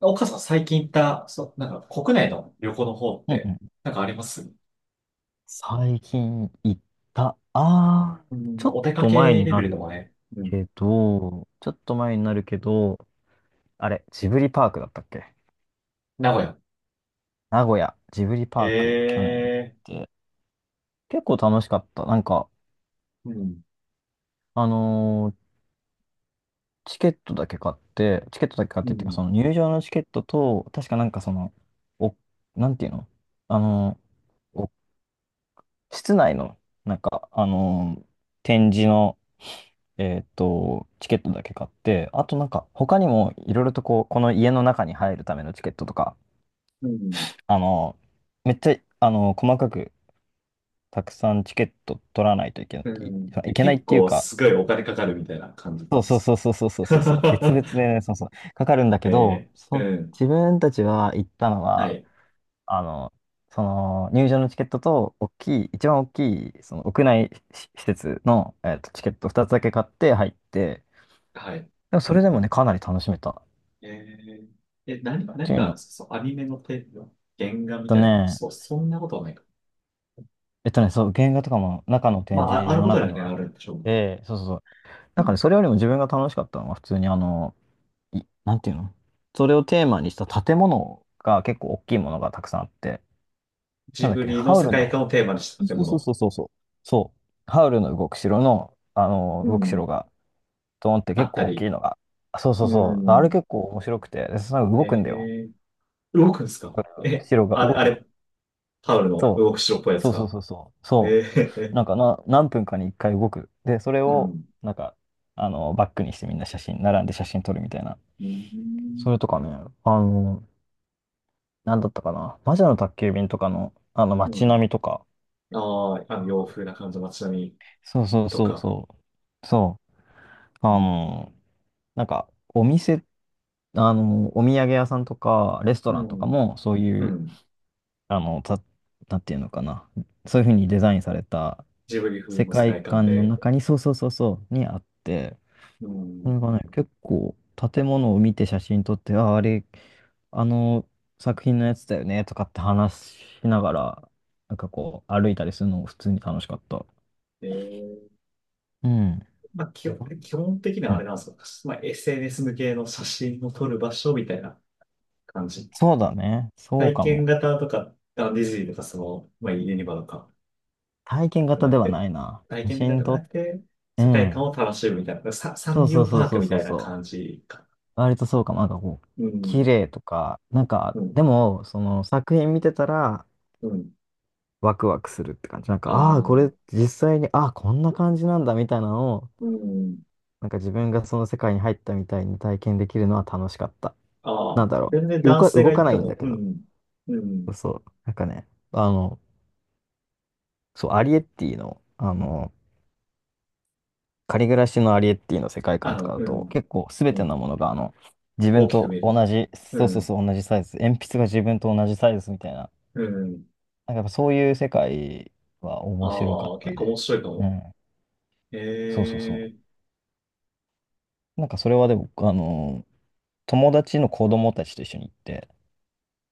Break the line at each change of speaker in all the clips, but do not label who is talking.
岡さん最近行った、そう、なんか国内の旅行の方っ
うんう
て、
ん
なんかあります？
最近行った。
うん、
ちょ
まあ
っ
お出か
と前
け
に
レ
な
ベルで
る
もね。うん。
けど、ちょっと前になるけど、あれ、ジブリパークだったっけ？
名古屋。
名古屋、ジブリパーク、去年
ええ、
行って、結構楽しかった。なんか、
ーうん、
あのーチケットだけ買って、チケットだけ買っ
う
てっていうか、
ん、
その入場のチケットと、確かなんかその、お、なんていうの？あのーお室内の、なんか、展示の、チケットだけ買って、あとなんか他にもいろいろとこう、この家の中に入るためのチケットとか、
うん、
あの、めっちゃ、細かくたくさんチケット取らないといけない、
うん。
い
え、
けないっ
結
ていう
構
か、
すごいお金かかるみたいな感じ
そう
で
そう
す。
そうそうそうそうそうそう、別々 でね、そうそう、かかるんだけど、
ええ、うん。
自分たちは行ったの
は
は、
い、
あの、その入場のチケットと大きい、一番大きいその屋内し施設の、チケット2つだけ買って入って、
はい。
でもそれでもね、かなり楽しめた。っ
え、ええ、何、
て
何
い
が
う
あるん
の
ですか？そう、アニメのテーマ、原画み
と
たいな。
ね、
そう、そんなことはないか。
そう、原画とかも中の
ま
展
あ、あ、あ
示
る
の
ことに
中
は
に
ね、
はあっ
あるんでしょうけど。
て、そうそうそう。
う
なんかね、
ん。
それよりも自分が楽しかったのは普通になんていうの？それをテーマにした建物が結構大きいものがたくさんあって、な
ジ
んだっ
ブ
け、
リの
ハウ
世
ルの、
界観をテーマにした建
そうそう
物。
そうそうそう。そう、ハウルの動く城の、
う
動く城
ん。
が、ドーンって
あ
結
った
構大き
り。
いのが、そうそう
う
そう。あれ
ん。
結構面白くて、でその
え
動くんだよ。
え、動くんですか？え、
城が
あれ、
動
あ
くの。
れ、タオルの
そ
動く
う。
白っぽいやつ
そうそう
が。
そうそう。そ
え
う。
え、
なんかな、何分かに1回動く。で、それ
う
を、
ん。
なんか、バックにしてみんな写真、並んで写真撮るみたいな。
う
そ
ん。
れとかね、あの、なんだったかな。魔女の宅急便とかの、
う
街
ん。
並みとか。
ああ、あの洋風な感じの街並み
そうそう
と
そう
か、
そう。そう。あ
うん。
の、なんか、お店、お土産屋さんとか、レスト
う
ランとか
ん。
も、そう
う
いう、
ん、
あの、た、なんていうのかな？そういうふうにデザインされた
ジブリ風
世
の世
界
界観
観の
で、
中に、そうそうそうそう、にあって、
う
そ
ん。
れがね、結構建物を見て写真撮って、あ、あれ、あの作品のやつだよねとかって話しながら、なんかこう歩いたりするのも普通に楽しかった。
ええ、
うん。
まあ、基本、基本的に
う
はあれ
ん
なんですよ。まあ、SNS 向けの写真を撮る場所みたいな感じ。
そうだね。そう
体
か
験
も。
型とか、あのディズニーとか、その、まあ、ユニバとか、
体験型
な
で
っ
は
て、
ないな。
体
写
験
真
型方ゃ
撮っ
な
て
くて、
う
世界
ん。
観を楽しむみたいな、サ、サ
そ
ン
う
リ
そ
オ
うそう
パー
そ
ク
う
み
そ
た
う
いな
そう。
感じか。
割とそうかも。なんかこう、
う
綺
ん、
麗とか、なんか、
うん、
でも、その作品見てたら、
うん。
ワクワクするって感じ。なんか、
あ
ああ、
あ、
これ実際に、ああ、こんな感じなんだみたいなのを、
うん。
なんか自分がその世界に入ったみたいに体験できるのは楽しかった。
あ
なん
あ、
だろ
全然
う。
男性
動
が行
か
っ
な
て
いんだ
も、
け
う
ど。
ん、う
そ
ん、
うそう。なんかね、そう、アリエッティの、仮暮らしのアリエッティの世界
あ
観とか
の、
だ
う
と、
ん、
結構すべ
う
て
ん、
のものが、自
大
分
きく
と
見える。
同じ、
う
そうそう
ん、
そう、同じサイズ。鉛筆が自分と同じサイズみたいな。
うん。
なんかやっぱそういう世界は面白か
あ
っ
あ、
た
結構面
ね。
白いか
う
も。
ん。そうそうそ
ええ、
う。なんかそれはでも、友達の子供たちと一緒に行って、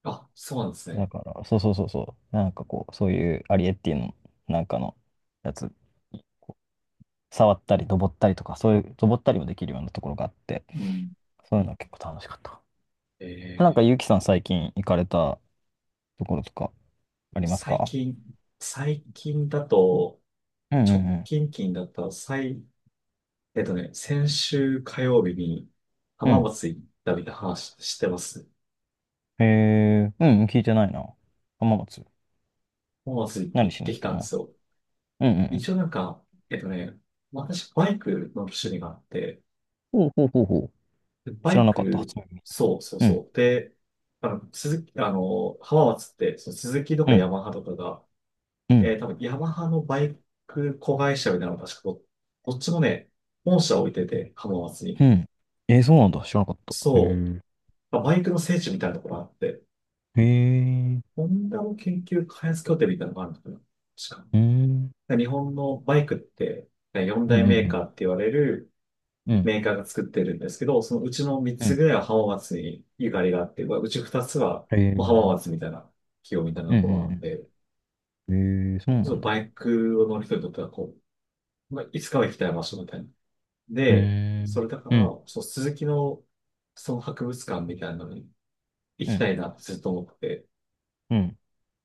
あ、そうなんです
だ
ね。
から、そうそうそうそう、なんかこう、そういうアリエッティのなんかのやつ、触ったり、登ったりとか、そういう、登ったりもできるようなところがあって、
うん。
そういうのは結構楽しかった。
え
なんか、ゆ
え、
うきさん最近行かれたところとかあります
最
か？
近、最近だと、
うんう
直
ん
近近だったら、最、先週火曜日に
うん。う
浜
ん。
松行ったみたいな話してます。
へえ、うんうん、聞いてないな。浜松。
浜松
何
行っ
しに
て
行っ
き
た
たんで
の？
すよ。
うんうん
一応なんか、えっとね、私バイクの趣味があって、
うん。ほうほうほうほ
で
う。知
バ
ら
イ
なかった、初
ク、
耳。
そうそう
うん、
そう。で、あの、鈴木、あの、浜松って、その鈴木と
う
かヤ
ん、
マハとかが、
うん。
多分ヤマハのバイク子会社みたいなのが確かど、どっちもね、本社置いてて、浜松に。
うん。えー、そうなんだ。知らなかった。へ
そう。
え。
まあバイクの聖地みたいなところがあって、
へえ。
ホンダの研究開発拠点みたいなのがあるのかな、確
うん。
か。日本のバイクって、4
うんう
大
んう
メー
ん。
カーって言われる
うん。
メーカーが作ってるんですけど、そのうちの3
う
つ
ん。
ぐらいは浜松にゆかりがあって、うち2つは
へえ。う
もう浜
ん
松みたいな企業みたいな
う
ところなの
ん
で、
うん。へえ、そう
ち
な
ょっと
んだ。
バイクを乗る人にとってはこう、まあ、いつかは行きたい場所みたいな。
へ
で、
え。
それだから、
うん。
そう、鈴木のその博物館みたいなのに行
う
きた
ん。
いなってずっと思ってて、
うん。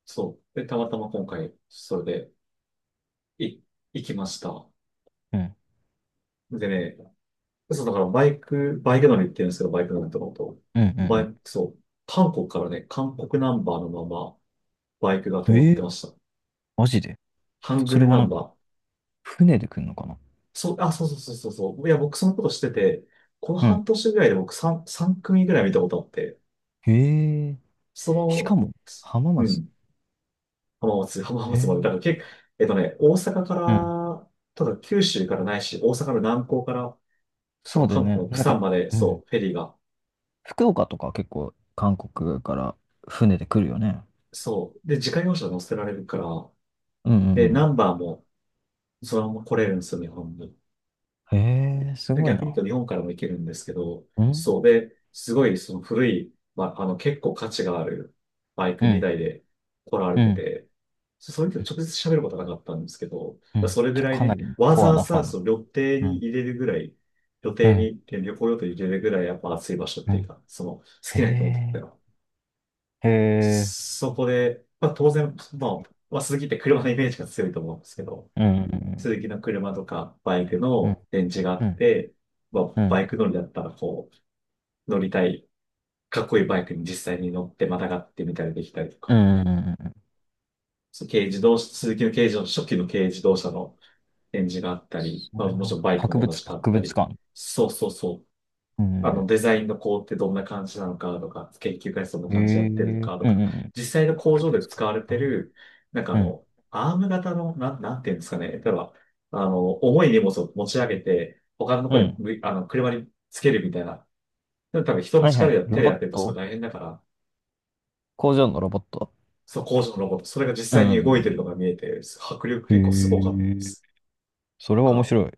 そう。で、たまたま今回、それで、い、行きました。
うん。
でね、そう、だからバイク、バイク乗りって言うんですけど、バイク乗りとかのこと。
うん
バイ
う
ク、
ん
そう、韓国からね、韓国ナンバーのまま、バイクが
う
止
ん。
ま
え
って
え、
ました。
マジで。
ハング
それ
ル
は
ナ
な
ン
んか、
バー。
船で来るのかな？
そう、あ、そうそうそうそうそう。いや、僕そのことしてて、この
うん。
半年ぐらいで僕3、3組ぐらい見たことあって、
へえ。しか
そ
も、浜
の、う
松。
ん、浜松、浜
へ
松まで、だ
え。
から結構、大阪か
うん。
ら、ただ九州からないし、大阪の南港から、そ
そう
の
だよ
韓国
ね。
の釜
なんか、
山まで、
うん。
そう、フェリーが、
福岡とか結構、韓国から船で来るよね。
そう。で、自家用車乗せられるから、
うんう
で、ナ
ん
ンバーもそのまま来れるんですよ、日本に。
うん。へえ、す
で
ごい
逆に
な。
言うと日本からも行けるんですけど、
うん。
そう。で、すごいその古い、まあ、あの結構価値があるバイク
うん、
2台で来られ
う
て
ん、
て、そ、それと直接喋ることはなかったんですけど、
うん。
それぐ
じゃ
ら
あ、
い
かな
ね、
り
わ
コ
ざ
ア
わ
なファ
ざ
ン。
その旅程
う
に
ん、
入れるぐらい、予
う
定
ん、
に、旅行予定に入れるぐらいやっぱ暑い場所っ
う
ていう
ん。
か、その好きな人にとって
へ
は
え、へえ、
そこで、まあ当然、まあ、まあ鈴木って車のイメージが強いと思うんですけど、
うん、うん、
鈴木の車とかバイク
うん、
の電池があ
う
っ
ん、
て、まあ
う
バ
ん、
イク乗りだったらこう、乗りたい、かっこいいバイクに実際に乗ってまたがってみたりできたりと
う
か、
ん、うん。うん
そう軽自動車、鈴木の軽自動車、初期の軽自動車の電池があったり、
そ
まあ
れ
もち
は、
ろんバイクも同じかあっ
博
た
物
り、
館？
そうそうそう、
う
あの、
ん、
デザインの工程どんな感じなのかとか、研究開発どんな
へえ、
感じでや
う
ってるの
ん、
かと
うん、
か、
うん。
実際の工
博
場
物
で使
館
われ
は
て
ない。
る、なんかあ
うん、
の、アーム型の、なん、なんていうんですかね。例えば、あの、重い荷物を持ち上げて、他のと
う
ころに
ん。
む、あの、車につけるみたいな。でも多分人の
はいは
力
い。
や手
ロ
で
ボッ
やってるとすごい
ト
大変だから、
工場のロボット
その工場のロボット、それが実
う
際に動いてるの
ん。
が見えて、迫力
へ
結構すごかったで
え、
す。
それは
か
面
ら、
白い。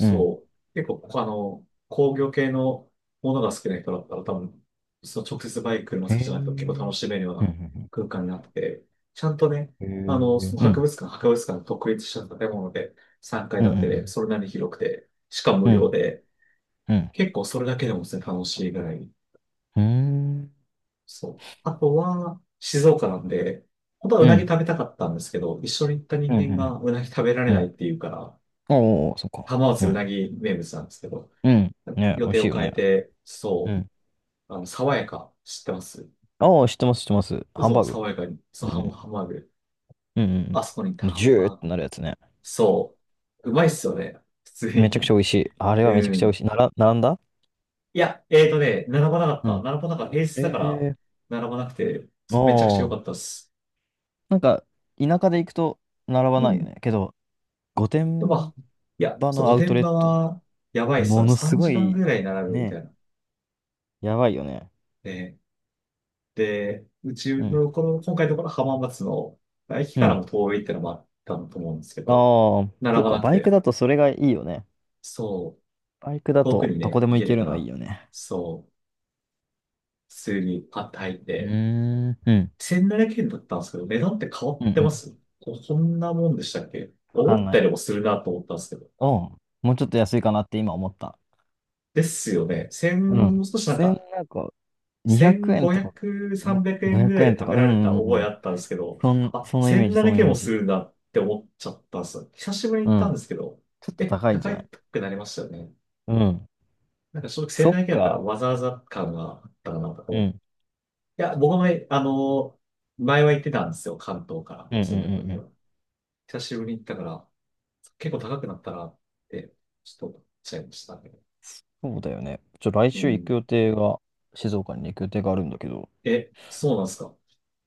うん。
う。結構、あの、工業系のものが好きな人だったら多分、その直接バイク、車
へ
好き
え、
じ
う
ゃなくても結構楽
ん、
しめるよう
う
な
ん、
空間になってて、ちゃんとね、
う
あの、
ん。へ
その
え、う
博
ん、
物館、博物館の独立した建物で3階
うん、う
建てで、
ん、
それなりに広くて、しかも
う
無料
ん、
で、
うん。
結構それだけでもですね、楽しいぐらい。
うーん。
そう。あとは、静岡なんで、本当はう
う
なぎ
ん。
食べたかったんですけど、一緒に行った
う
人
んう
間がうなぎ食べられ
んう
ないっ
ん。
ていうから、
おおそっか。
浜
う
松うな
ん。
ぎ名物なんですけど、
うん。ね、
予
美味
定
しい
を
よ
変え
ね。
て、
う
そ
ん。
う、あの、爽やか、知ってます？
ああ、知ってます、知ってます。ハン
嘘、
バーグ。
爽やかに、そ
う
う、ハンハ
ん。
ンバーグ。
うんう
あ
ん
そこに行った
うん。
ハ
ジ
ン
ューっ
バー
て
グ。
なるやつね。
そう、うまいっすよね、普通
めちゃくちゃ美
に。
味しい。あ れはめちゃ
う
くちゃ美
ん。
味しい。なら、並んだ？
いや、並ばなかった。
う
並ばなかった。平日だから、
ん。ええ
並ばなくて、
ー。
めちゃくちゃ良
あ
かっ
あ。
たっす。
なんか、田舎で行くと並ば
う
ないよ
ん。
ね。けど、御
で、まあ、
殿
いや、
場
そう、
の
御
アウト
殿
レッ
場
ト、
は、やばいっすよ
も
ね。
のす
3
ご
時間
い、
ぐらい並ぶみた
ね、
いな。
やばいよね。
ね、で、うち
うん。
の、この、今回のところ浜松の、駅
う
から
ん。
も遠いってのもあったと思うんですけ
あ
ど、
あ、そ
並
っ
ば
か、
なく
バイク
て、
だとそれがいいよね。
そう、
バイクだ
遠く
と
に
どこ
ね、
で
行
も
け
行け
るか
るのいい
ら、
よね。
そう、普通にパッと入っ
う
て、
ーん、うん、
1700円だったんですけど、値段って変わ
うん
っ
う
てま
ん。
す？こ、こんなもんでしたっけ？
わか
思
ん
っ
な
た
い。
よりもするなと思ったんですけど。
うん。もうちょっと安いかなって今思った。
ですよね。1
う
も
ん。
う少しなん
1
か、
なんか、200円とか、
1500、
ん
3円
500
ぐらい
円
で
と
食
か、
べ
うん
られ
う
た
んう
覚え
ん。
あったんですけど、あ、
そのイメージ、そ
1700
のイ
円
メー
もす
ジ。
るんだって思っちゃったんですよ。久しぶりに行
う
ったん
ん、
ですけど、
ちょっと
え、
高いんじゃ
高
ない？
くなりましたよね。
うん、
なんか正直
そっ
1700円だったら
か。
わざわざ感があったかなと
う
思って、
ん、
いや、僕も、あの、前は行ってたんですよ。関東から
うん、うん、
住んでた
うんう
時
ん。
は。久しぶりに行ったから、結構高くなったなって、ちょっと思っちゃいましたね。
そうだよね。来
う
週行く
ん。
予定が、静岡に行く予定があるんだけど。
え、そうなんですか？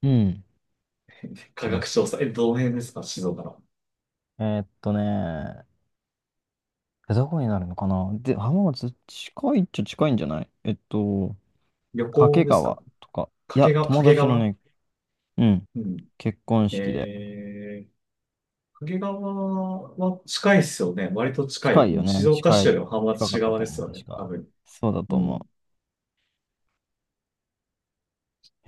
うんうん
価
とね、
格調査。え、どの辺ですか、静岡の。
えーっとねどこになるのかな？で、浜松、近いっちゃ近いんじゃない？
旅
掛
行ですか？
川とか。い
掛
や、
川、
友
掛
達の
川、
ね、うん、
うん。
結婚式で。
えー、掛川は近いですよね。割と近い。
近い
う
よ
ん、静
ね。
岡
近
市よ
い。
りも浜松
近か
市
った
側
と
です
思う、
よ
確
ね。多
か。
分。
そうだと
うん。
思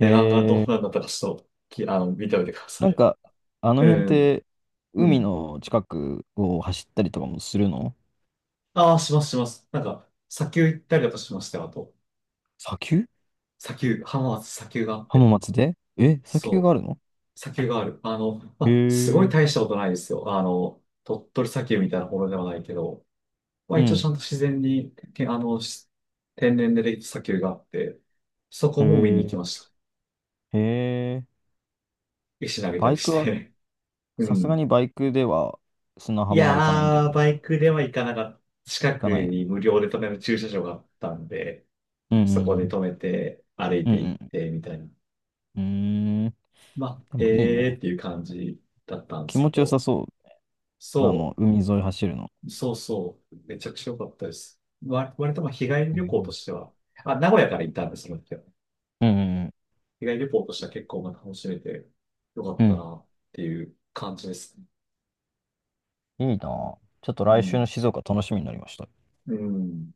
う。へ
段がど
え。
うなんだったかちょっと、き、あの、見ておいてくだ
な
さ
ん
い。
か、あの
う
辺っ
ん。
て、
う
海
ん。
の近くを走ったりとかもするの？
ああ、しますします。なんか、砂丘行ったりだとしましたよ、あと。
砂丘？
砂丘、浜松砂丘があって。
浜松でえ、砂丘
そ
があ
う、
るの？
砂丘がある。あの、ま
へ
あ、すごい
え。
大したことないですよ。あの、鳥取砂丘みたいなものではないけど、まあ
う
一応ち
ん。
ゃんと自然に、け、あの、し、天然でできた砂丘があって、そ
へ
こも見に行き
え。
ました。
へえ。
石投げた
バ
り
イク
し
は、
て。う
さすが
ん。
にバイクでは砂
い
浜は行かないんだよ
やー、
ね。
バイクでは行かなかった。近
か
く
ないよ
に
ね。
無料で止める駐車場があったんで、
うんう
そこで
ん
止めて、歩い
うん。う
て行っ
ん
て、みたいな。
うん。うーん。
まあ、
でもいい
えー
ね。
っていう感じだったんで
気
すけ
持ちよ
ど、
さそう。
そ
海沿い走るの。
う、そうそう、めちゃくちゃ良かったです。わ、割とまあ日帰り
う
旅行と
ん
しては、あ、名古屋から行ったんです、その時は。
うんうん。
日帰り旅行としては結構まあ楽しめて良かっ
う
た
ん。
なっていう感じですね。
いいなぁ。ちょっと
う
来週
ん。
の静岡楽しみになりました。
うん。